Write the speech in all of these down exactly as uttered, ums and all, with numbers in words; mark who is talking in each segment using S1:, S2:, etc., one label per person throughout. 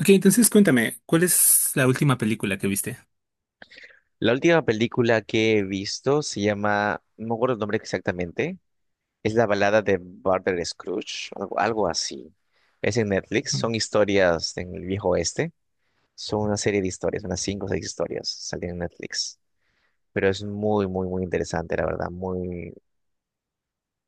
S1: Ok, entonces cuéntame, ¿cuál es la última película que viste?
S2: La última película que he visto se llama, no me acuerdo el nombre exactamente, es La balada de Barber Scrooge, algo, algo así. Es en Netflix,
S1: Ujú.
S2: son historias en el viejo oeste, son una serie de historias, unas cinco o seis historias salen en Netflix. Pero es muy, muy, muy interesante, la verdad, muy,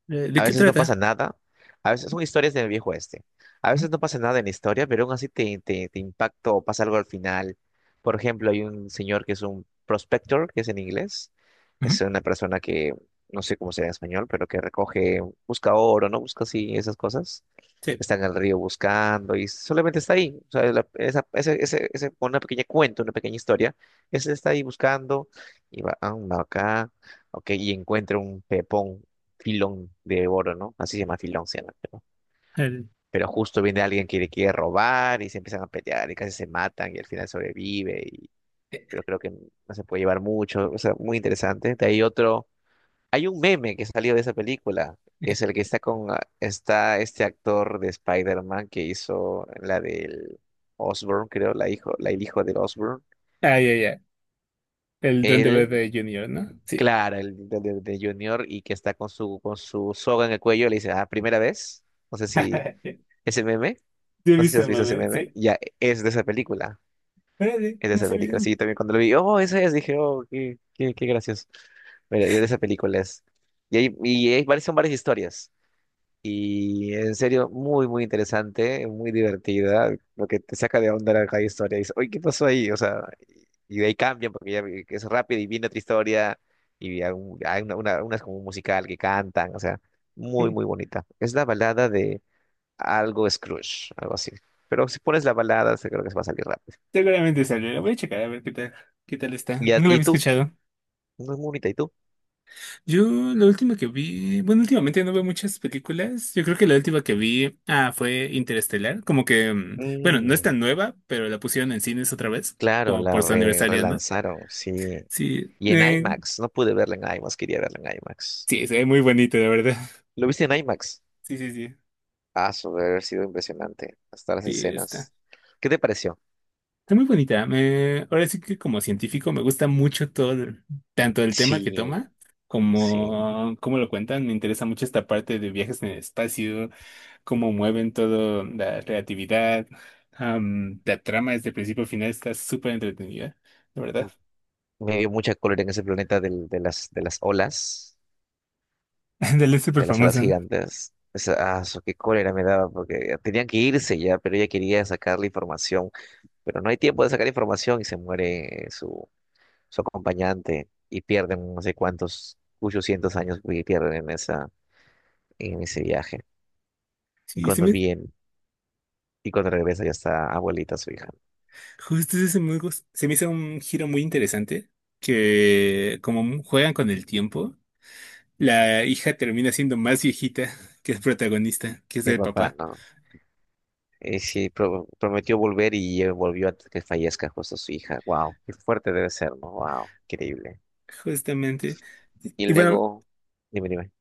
S1: Eh, ¿De
S2: a
S1: qué
S2: veces no pasa
S1: trata?
S2: nada. A veces son historias del viejo este. A
S1: Ujú,
S2: veces no pasa nada en la historia, pero aún así te, te, te impacta o pasa algo al final. Por ejemplo, hay un señor que es un prospector, que es en inglés.
S1: ujú.
S2: Es una persona que, no sé cómo será en español, pero que recoge, busca oro, ¿no? Busca así esas cosas.
S1: Sí.
S2: Está en el río buscando y solamente está ahí. O sea, la- esa, ese, ese, ese- una pequeña cuento, una pequeña historia. Ese está ahí buscando y va, ah, va acá, ok, y encuentra un pepón filón de oro, ¿no? Así se llama filón, se llama, pero,
S1: El...
S2: pero justo viene alguien que le quiere robar y se empiezan a pelear y casi se matan y al final sobrevive, y,
S1: eh,
S2: pero creo que no se puede llevar mucho, o sea, muy interesante. De ahí otro, hay un meme que salió de esa película, que
S1: eh,
S2: es el que está con, ah, está este actor de Spider-Man que hizo la del Osborn, creo, la hijo, la el hijo del Osborn.
S1: Ah, ya, ya. El Duende
S2: Él,
S1: Verde Junior, ¿no? Sí.
S2: claro, el de, de- de Junior y que está con su, con su soga en el cuello, le dice, ah, primera vez, no sé si ese meme.
S1: Sí,
S2: No sé si
S1: viste
S2: has
S1: el
S2: visto ese
S1: mame,
S2: meme.
S1: sí.
S2: Ya, es de esa película.
S1: Órale,
S2: Es de
S1: no
S2: esa
S1: sabía.
S2: película. Sí, también cuando lo vi, oh, ese es, dije, oh, qué, qué, qué gracioso. Mira, de esa película es. Y hay, y hay varias, son varias historias. Y en serio, muy, muy interesante, muy divertida. Lo que te saca de onda la cada historia. Dices, oye, ¿qué pasó ahí? O sea, y de ahí cambian porque ya vi- que es rápido y viene otra historia. Y hay, un- hay una, una, una es como un musical que cantan. O sea, muy,
S1: Mm,
S2: muy bonita. Es la balada de algo Scrooge, algo así. Pero si pones la balada, se- creo que se va a salir rápido.
S1: seguramente salió. La voy a checar a ver qué tal, qué tal está.
S2: ¿Y, a-
S1: No lo había
S2: y tú?
S1: escuchado.
S2: No es muy bonita, ¿y tú?
S1: Yo, la última que vi, bueno, últimamente no veo muchas películas. Yo creo que la última que vi, ah, fue Interestelar. Como que, mm, bueno, no es
S2: Mm,
S1: tan nueva, pero la pusieron en cines otra vez,
S2: claro,
S1: como
S2: la
S1: por su
S2: re-
S1: aniversario, ¿no?
S2: relanzaron, sí.
S1: Sí,
S2: Y en
S1: eh,
S2: IMAX, no pude verla en IMAX, quería verla en IMAX.
S1: sí, se ve muy bonito, la verdad.
S2: ¿Lo viste en IMAX?
S1: Sí, sí, sí,
S2: Ah, sobre haber sido impresionante, hasta las
S1: sí, está.
S2: escenas. ¿Qué te pareció?
S1: Está muy bonita. Me, ahora sí que como científico me gusta mucho todo, el- tanto el tema que
S2: Sí,
S1: toma
S2: sí.
S1: como cómo lo cuentan. Me interesa mucho esta parte de viajes en el espacio, cómo mueven todo, la relatividad. Am, la trama desde principio a final está súper entretenida, la verdad.
S2: Me dio mucha cólera en ese planeta del- de las, de las olas,
S1: Dale, es súper
S2: de las alas
S1: famosa, ¿no?
S2: gigantes. Esa, ah, su- qué cólera me daba, porque ya tenían que irse ya, pero ella quería sacar la información pero no hay tiempo de sacar información y se muere su, su acompañante y pierden no sé cuántos, muchos cientos años y pierden en esa, en ese viaje. Y
S1: Sí, sí,
S2: cuando viene, y cuando regresa ya está abuelita su hija.
S1: justo ese me gus- se me hizo un giro muy interesante, que como mu- juegan con el tiempo, la hija termina siendo más viejita que el protagonista, que es
S2: El
S1: el
S2: papá,
S1: papá,
S2: no. Y sí, pro- prometió volver y eh, volvió antes que fallezca justo su hija. Wow, qué fuerte debe ser, ¿no? Wow, increíble.
S1: justamente.
S2: Y
S1: Y bueno,
S2: luego, dime, dime,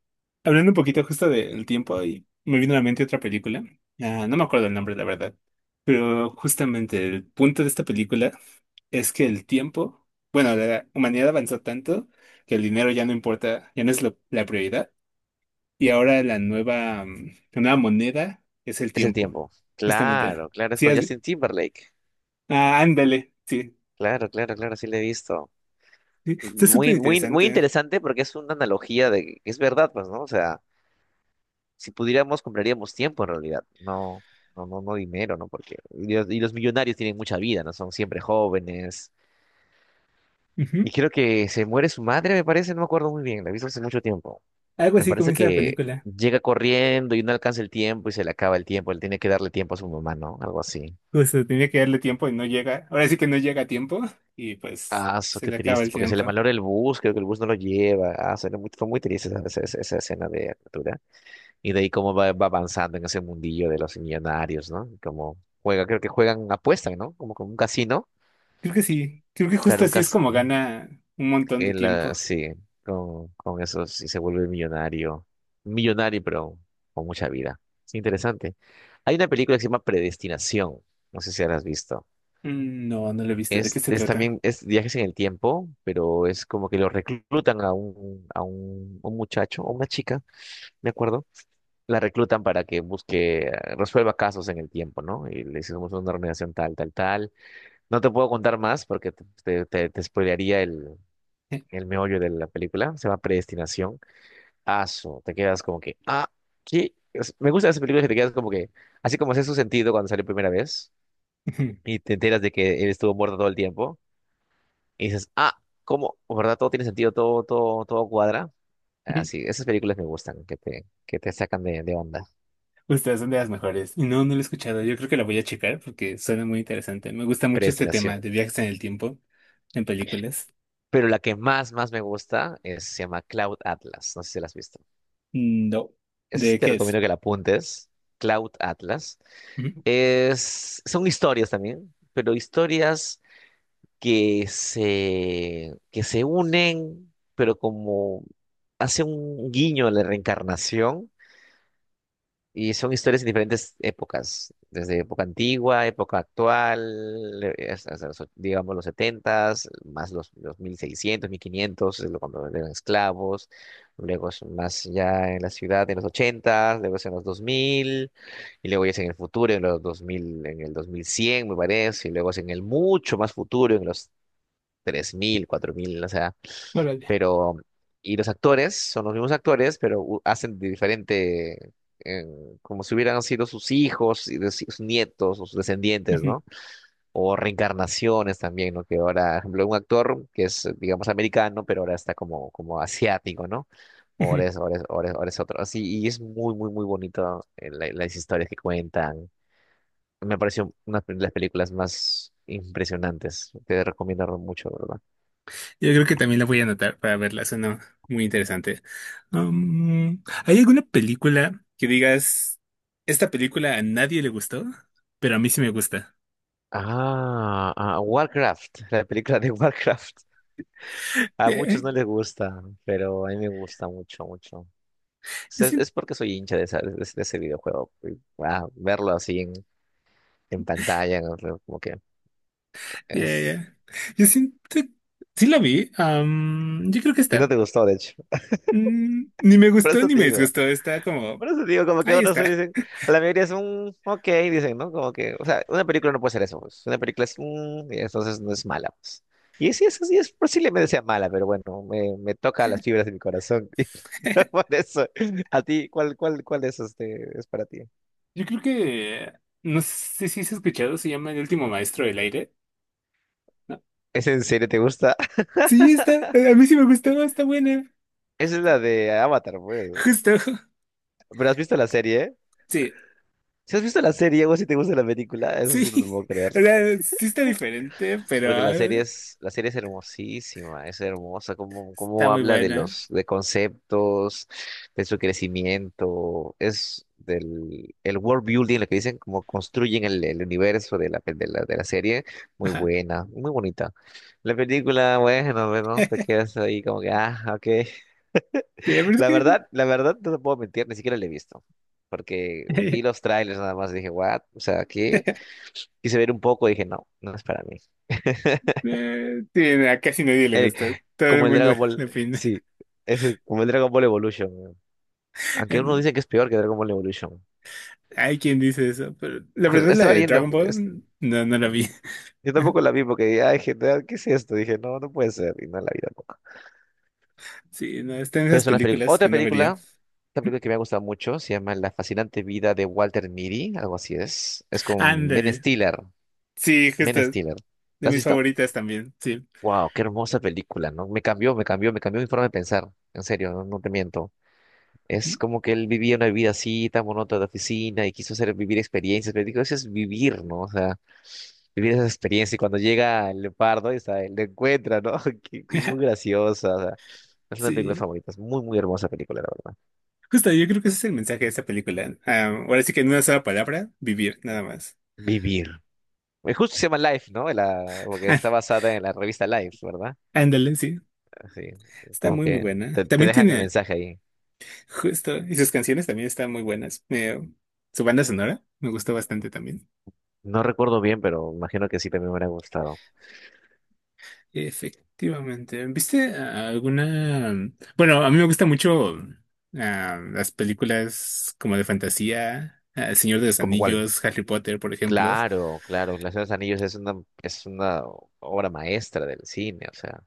S1: hablando un poquito justo del tiempo, y me vino a la mente otra película. Ah, no me acuerdo el nombre, la verdad, pero justamente el punto de esta película es que el tiempo, bueno, la humanidad avanzó tanto que el dinero ya no importa, ya no es lo- la prioridad. Y ahora la nueva, mm, la nueva moneda es el
S2: es el
S1: tiempo,
S2: tiempo.
S1: justamente.
S2: Claro, claro, es
S1: Sí,
S2: con
S1: has vi-
S2: Justin Timberlake.
S1: Ah, ándale, sí.
S2: Claro, claro, claro, sí le he visto.
S1: Sí. Está súper
S2: Muy, muy, muy
S1: interesante.
S2: interesante porque es una analogía de que es verdad, pues, ¿no? O sea, si pudiéramos, compraríamos tiempo en realidad, no, no, no, no dinero, ¿no? Porque y los, y los millonarios tienen mucha vida, ¿no? Son siempre jóvenes.
S1: Ujú.
S2: Y creo que se muere su madre, me parece, no me acuerdo muy bien, la he visto hace mucho tiempo.
S1: Algo
S2: Me
S1: así
S2: parece
S1: comienza la
S2: que
S1: película.
S2: llega corriendo y no alcanza el tiempo y se le acaba el tiempo, él tiene que darle tiempo a su mamá, ¿no? Algo así.
S1: Justo, tenía que darle tiempo y no llega. Ahora sí que no llega a tiempo y pues
S2: Ah, eso,
S1: se
S2: qué
S1: le acaba
S2: triste,
S1: el
S2: porque se le
S1: tiempo.
S2: malora el bus, creo que el bus no lo lleva. Ah, se le- fue muy triste esa, esa esa- esa escena de Aventura. Y de ahí cómo va, va avanzando en ese mundillo de los millonarios, ¿no? Como juega, creo que juegan, apuestan, ¿no? Como con un casino.
S1: Creo que sí. Creo que
S2: Claro,
S1: justo
S2: un
S1: así es como
S2: casino.
S1: gana un montón de tiempo.
S2: Sí, con, con eso sí se vuelve millonario. Millonario, pero con mucha vida. Es interesante. Hay una película que se llama Predestinación. No sé si la has visto.
S1: Mm, no, no lo he visto. ¿De qué
S2: Es,
S1: se
S2: es
S1: trata?
S2: también, es viajes en el tiempo, pero es como que lo reclutan a un, a un, un muchacho, o una chica, me acuerdo, la reclutan para que busque, eh, resuelva casos en el tiempo, ¿no? Y le hicimos una organización tal, tal, tal. No te puedo contar más porque te, te, te- te spoilearía el, el meollo de la película. Se llama Predestinación. Aso, te quedas como que, ah, ¿qué? Es- Me gustan esas películas que te quedas como que, así como hace su sentido cuando salió primera vez y te enteras de que él estuvo muerto todo el tiempo y dices, ah, ¿cómo? ¿Verdad? Todo tiene sentido, todo, todo, todo cuadra.
S1: Ujú.
S2: Así, esas películas me gustan, que te, que te sacan de, de onda.
S1: Ustedes son de las mejores. Y no, no lo he escuchado. Yo creo que la voy a checar porque suena muy interesante. Me gusta mucho este tema
S2: Predestinación.
S1: de viajes en el tiempo en películas.
S2: Pero la que más, más me gusta es, se llama Cloud Atlas. No sé si la has visto.
S1: Mm, no.
S2: Esa sí
S1: ¿De
S2: te
S1: qué es?
S2: recomiendo que la apuntes. Cloud Atlas.
S1: Ujú,
S2: Es, son historias también, pero historias que se, que se unen, pero como hace un guiño a la reencarnación. Y son historias en diferentes épocas, desde época antigua, época actual, eh, hasta, hasta los, digamos los setentas más los, los mil seiscientos, mil quinientos, es lo- cuando eran esclavos, luego es más ya en la ciudad en los ochentas, luego es en los dos mil y luego ya es en el futuro, en los dos mil, en el dos mil cien me parece, y luego es en el mucho más futuro, en los tres mil, cuatro mil, o sea,
S1: órale.
S2: pero y los actores son los mismos actores, pero u- hacen de diferente, eh, como si hubieran sido sus hijos, y de- si, sus nietos o sus descendientes,
S1: Ujú,
S2: ¿no? O reencarnaciones también, ¿no? Que ahora, por ejemplo, un actor que es, digamos, americano, pero ahora está como, como asiático, ¿no? Ahora
S1: ujú.
S2: es, ahora es- ahora es- ahora es otro. Así, y es muy, muy, muy bonito, eh, la- las historias que cuentan. Me pareció una de las películas más impresionantes. Te recomiendo mucho, ¿verdad?
S1: Yo creo que también la voy a anotar para verla. Suena muy interesante. Um, ¿hay alguna película que digas, esta película a nadie le gustó, pero a mí sí me gusta?
S2: Ah, ah, Warcraft, la película de Warcraft. A
S1: Ya,
S2: muchos no les gusta, pero a mí me gusta mucho, mucho. Es,
S1: yo siento,
S2: es porque soy hincha de, esa- de, de ese videojuego. y, ah, verlo así en, en pantalla, ¿no? Como que
S1: ya,
S2: es...
S1: ya. Yo siento, sí la vi. Um, yo creo que
S2: Y
S1: está.
S2: no te gustó, de hecho.
S1: Mm, ni me
S2: Por
S1: gustó
S2: eso
S1: ni
S2: te
S1: me
S2: digo.
S1: disgustó. Está como.
S2: Por eso digo, como que
S1: Ahí
S2: otros
S1: está.
S2: dicen, a la mayoría es un ok, dicen, ¿no? Como que, o sea, una película no puede ser eso, pues. Una película es un, y entonces no es mala, pues. Y sí, es, sí, es posiblemente sea mala, pero bueno, me, me toca las fibras de mi corazón. Por eso, a ti, ¿cuál, cuál, cuál es este, es para ti?
S1: Yo creo que, no sé si has escuchado, se llama El último maestro del aire. ¿No?
S2: ¿Es en serio? ¿Te gusta?
S1: Sí, está. A mí sí me gustó. Está buena.
S2: Esa es la de Avatar, pues.
S1: Justo.
S2: ¿Pero has visto la serie?
S1: Sí,
S2: Si has visto la serie o si te gusta la película, eso
S1: sí.
S2: sí no lo puedo creer.
S1: O sea, sí está diferente, pero
S2: Porque la serie es, la serie es hermosísima, es hermosa, cómo,
S1: está
S2: cómo
S1: muy
S2: habla de
S1: buena.
S2: los, de conceptos, de su crecimiento, es del el world building, lo que dicen, cómo construyen el, el universo de la, pe- de la, de la serie, muy
S1: Ajá. Sí,
S2: buena, muy bonita. La película, bueno, bueno, te quedas ahí como que, ah, ok.
S1: pero es
S2: La
S1: que.
S2: verdad, la verdad, no te puedo mentir, ni siquiera la he visto, porque vi los trailers nada más y dije, what, o sea, ¿qué? Quise ver un poco y dije, no, no es para mí.
S1: Eh, sí, a casi nadie le
S2: Eh,
S1: gusta. Todo el
S2: Como el
S1: mundo
S2: Dragon Ball,
S1: le opina.
S2: sí, es el- como el Dragon Ball Evolution. Weón. Aunque uno
S1: En-
S2: dice que es peor que Dragon Ball Evolution.
S1: hay quien dice eso, pero la
S2: Pues,
S1: verdad la
S2: estaba
S1: de
S2: leyendo,
S1: Dragon
S2: es-
S1: Ball no, no la vi.
S2: yo tampoco la vi porque dije, ay, gente, ah, ¿qué es esto? Dije, no, no puede ser, y no la vi tampoco.
S1: Sí, no, está en
S2: Pero
S1: esas
S2: son las películas.
S1: películas que
S2: Otra
S1: no vería.
S2: película, otra película que me ha gustado mucho, se llama La fascinante vida de Walter Mitty, algo así es. Es con Ben
S1: Ándale.
S2: Stiller.
S1: Sí, justo,
S2: Ben Stiller.
S1: de
S2: ¿La has
S1: mis
S2: visto?
S1: favoritas también, sí.
S2: Wow, qué hermosa película, ¿no? Me cambió, me cambió, me cambió mi forma de pensar. En serio, no, no te miento. Es
S1: Ujú.
S2: como que él vivía una vida así, tan monótona de oficina, y quiso hacer vivir experiencias, pero digo, eso es vivir, ¿no? O sea, vivir esa experiencia. Y cuando llega el leopardo, y está, lo encuentra, ¿no? Que- que Muy graciosa. O sea, es una película
S1: Sí,
S2: favorita, es muy, muy hermosa película, la verdad.
S1: justo, yo creo que ese es el mensaje de esa película. Ah, ahora sí que en una sola palabra, vivir, nada más.
S2: Vivir. Eh, Justo se llama Life, ¿no? La, porque está basada en la revista Life, ¿verdad?
S1: Ah, ándale, sí.
S2: Así,
S1: Está
S2: como
S1: muy, muy
S2: que
S1: buena.
S2: te, te
S1: También
S2: dejan el
S1: tiene,
S2: mensaje ahí.
S1: justo, y sus canciones también están muy buenas. Me- su banda sonora me gustó bastante también.
S2: No recuerdo bien, pero imagino que sí también me hubiera gustado.
S1: Efectivamente. ¿Viste ah, alguna? Bueno, a mí me gustan mucho ah, las películas como de fantasía, ah, El Señor de los
S2: ¿Como cuál?
S1: Anillos, Harry Potter, por ejemplo.
S2: Claro, claro, La Señora de los Anillos es una, es una obra maestra del cine, o sea,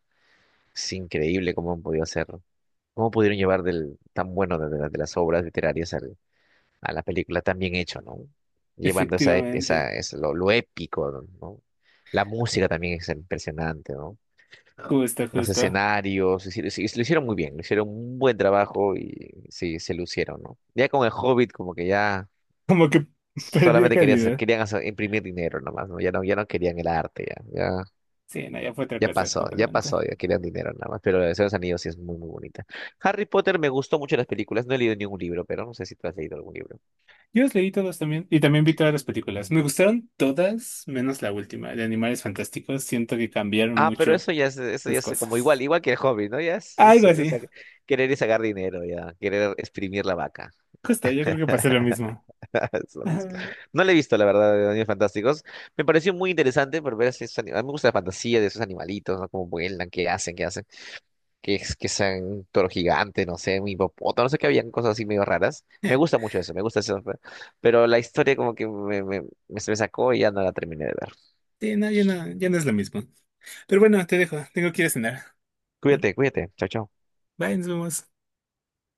S2: es increíble cómo han podido hacerlo. Cómo pudieron llevar del tan bueno de, de- la- de las obras literarias al- a la película tan bien hecho, ¿no? Llevando esa, ep- esa,
S1: Efectivamente.
S2: es lo, lo épico, ¿no? La música también es impresionante, ¿no?
S1: Justo,
S2: Los
S1: justo.
S2: escenarios, es decir, sí, lo hicieron muy bien, lo hicieron un buen trabajo y sí, se lucieron, ¿no? Ya con el Hobbit, como que ya.
S1: Como que perdió
S2: Solamente querían, hacer-
S1: calidad.
S2: querían hacer- imprimir dinero nomás, ¿no? Ya no, ya no querían el arte, ya, ya,
S1: Sí, no, ya fue otra
S2: ya
S1: cosa
S2: pasó, ya
S1: totalmente.
S2: pasó, ya querían dinero nada más. Pero la de los Anillos sí es muy, muy bonita. Harry Potter me gustó mucho las películas, no he leído ningún libro, pero no sé si tú has leído algún libro.
S1: Yo los leí todos también y también vi todas las películas. Me gustaron todas, menos la última, de Animales Fantásticos. Siento que cambiaron
S2: Ah, pero
S1: mucho
S2: eso ya es, eso ya
S1: las
S2: es como igual,
S1: cosas.
S2: igual que el hobby, ¿no? Ya es, es-
S1: Algo
S2: o
S1: así.
S2: sea, querer y sacar dinero, ya, querer exprimir la vaca.
S1: Justo, yo creo que pasé lo mismo.
S2: Es lo mismo.
S1: Ajá.
S2: No le he visto, la verdad, de Animales Fantásticos. Me pareció muy interesante por ver esos, animales me gusta la fantasía de esos animalitos, ¿no? Cómo vuelan, qué hacen, qué hacen. Que es que sean toro gigante, no sé, un hipopótamo, no sé que habían cosas así medio raras. Me
S1: Eh,
S2: gusta mucho eso, me gusta eso, pe- pero la historia como que me, me, me- se me sacó y ya no la terminé de ver.
S1: Sí, no, ya no, ya no es lo mismo. Pero bueno, te dejo. Tengo que ir a cenar.
S2: Cuídate, cuídate, chao, chao.
S1: Bye, nos vemos.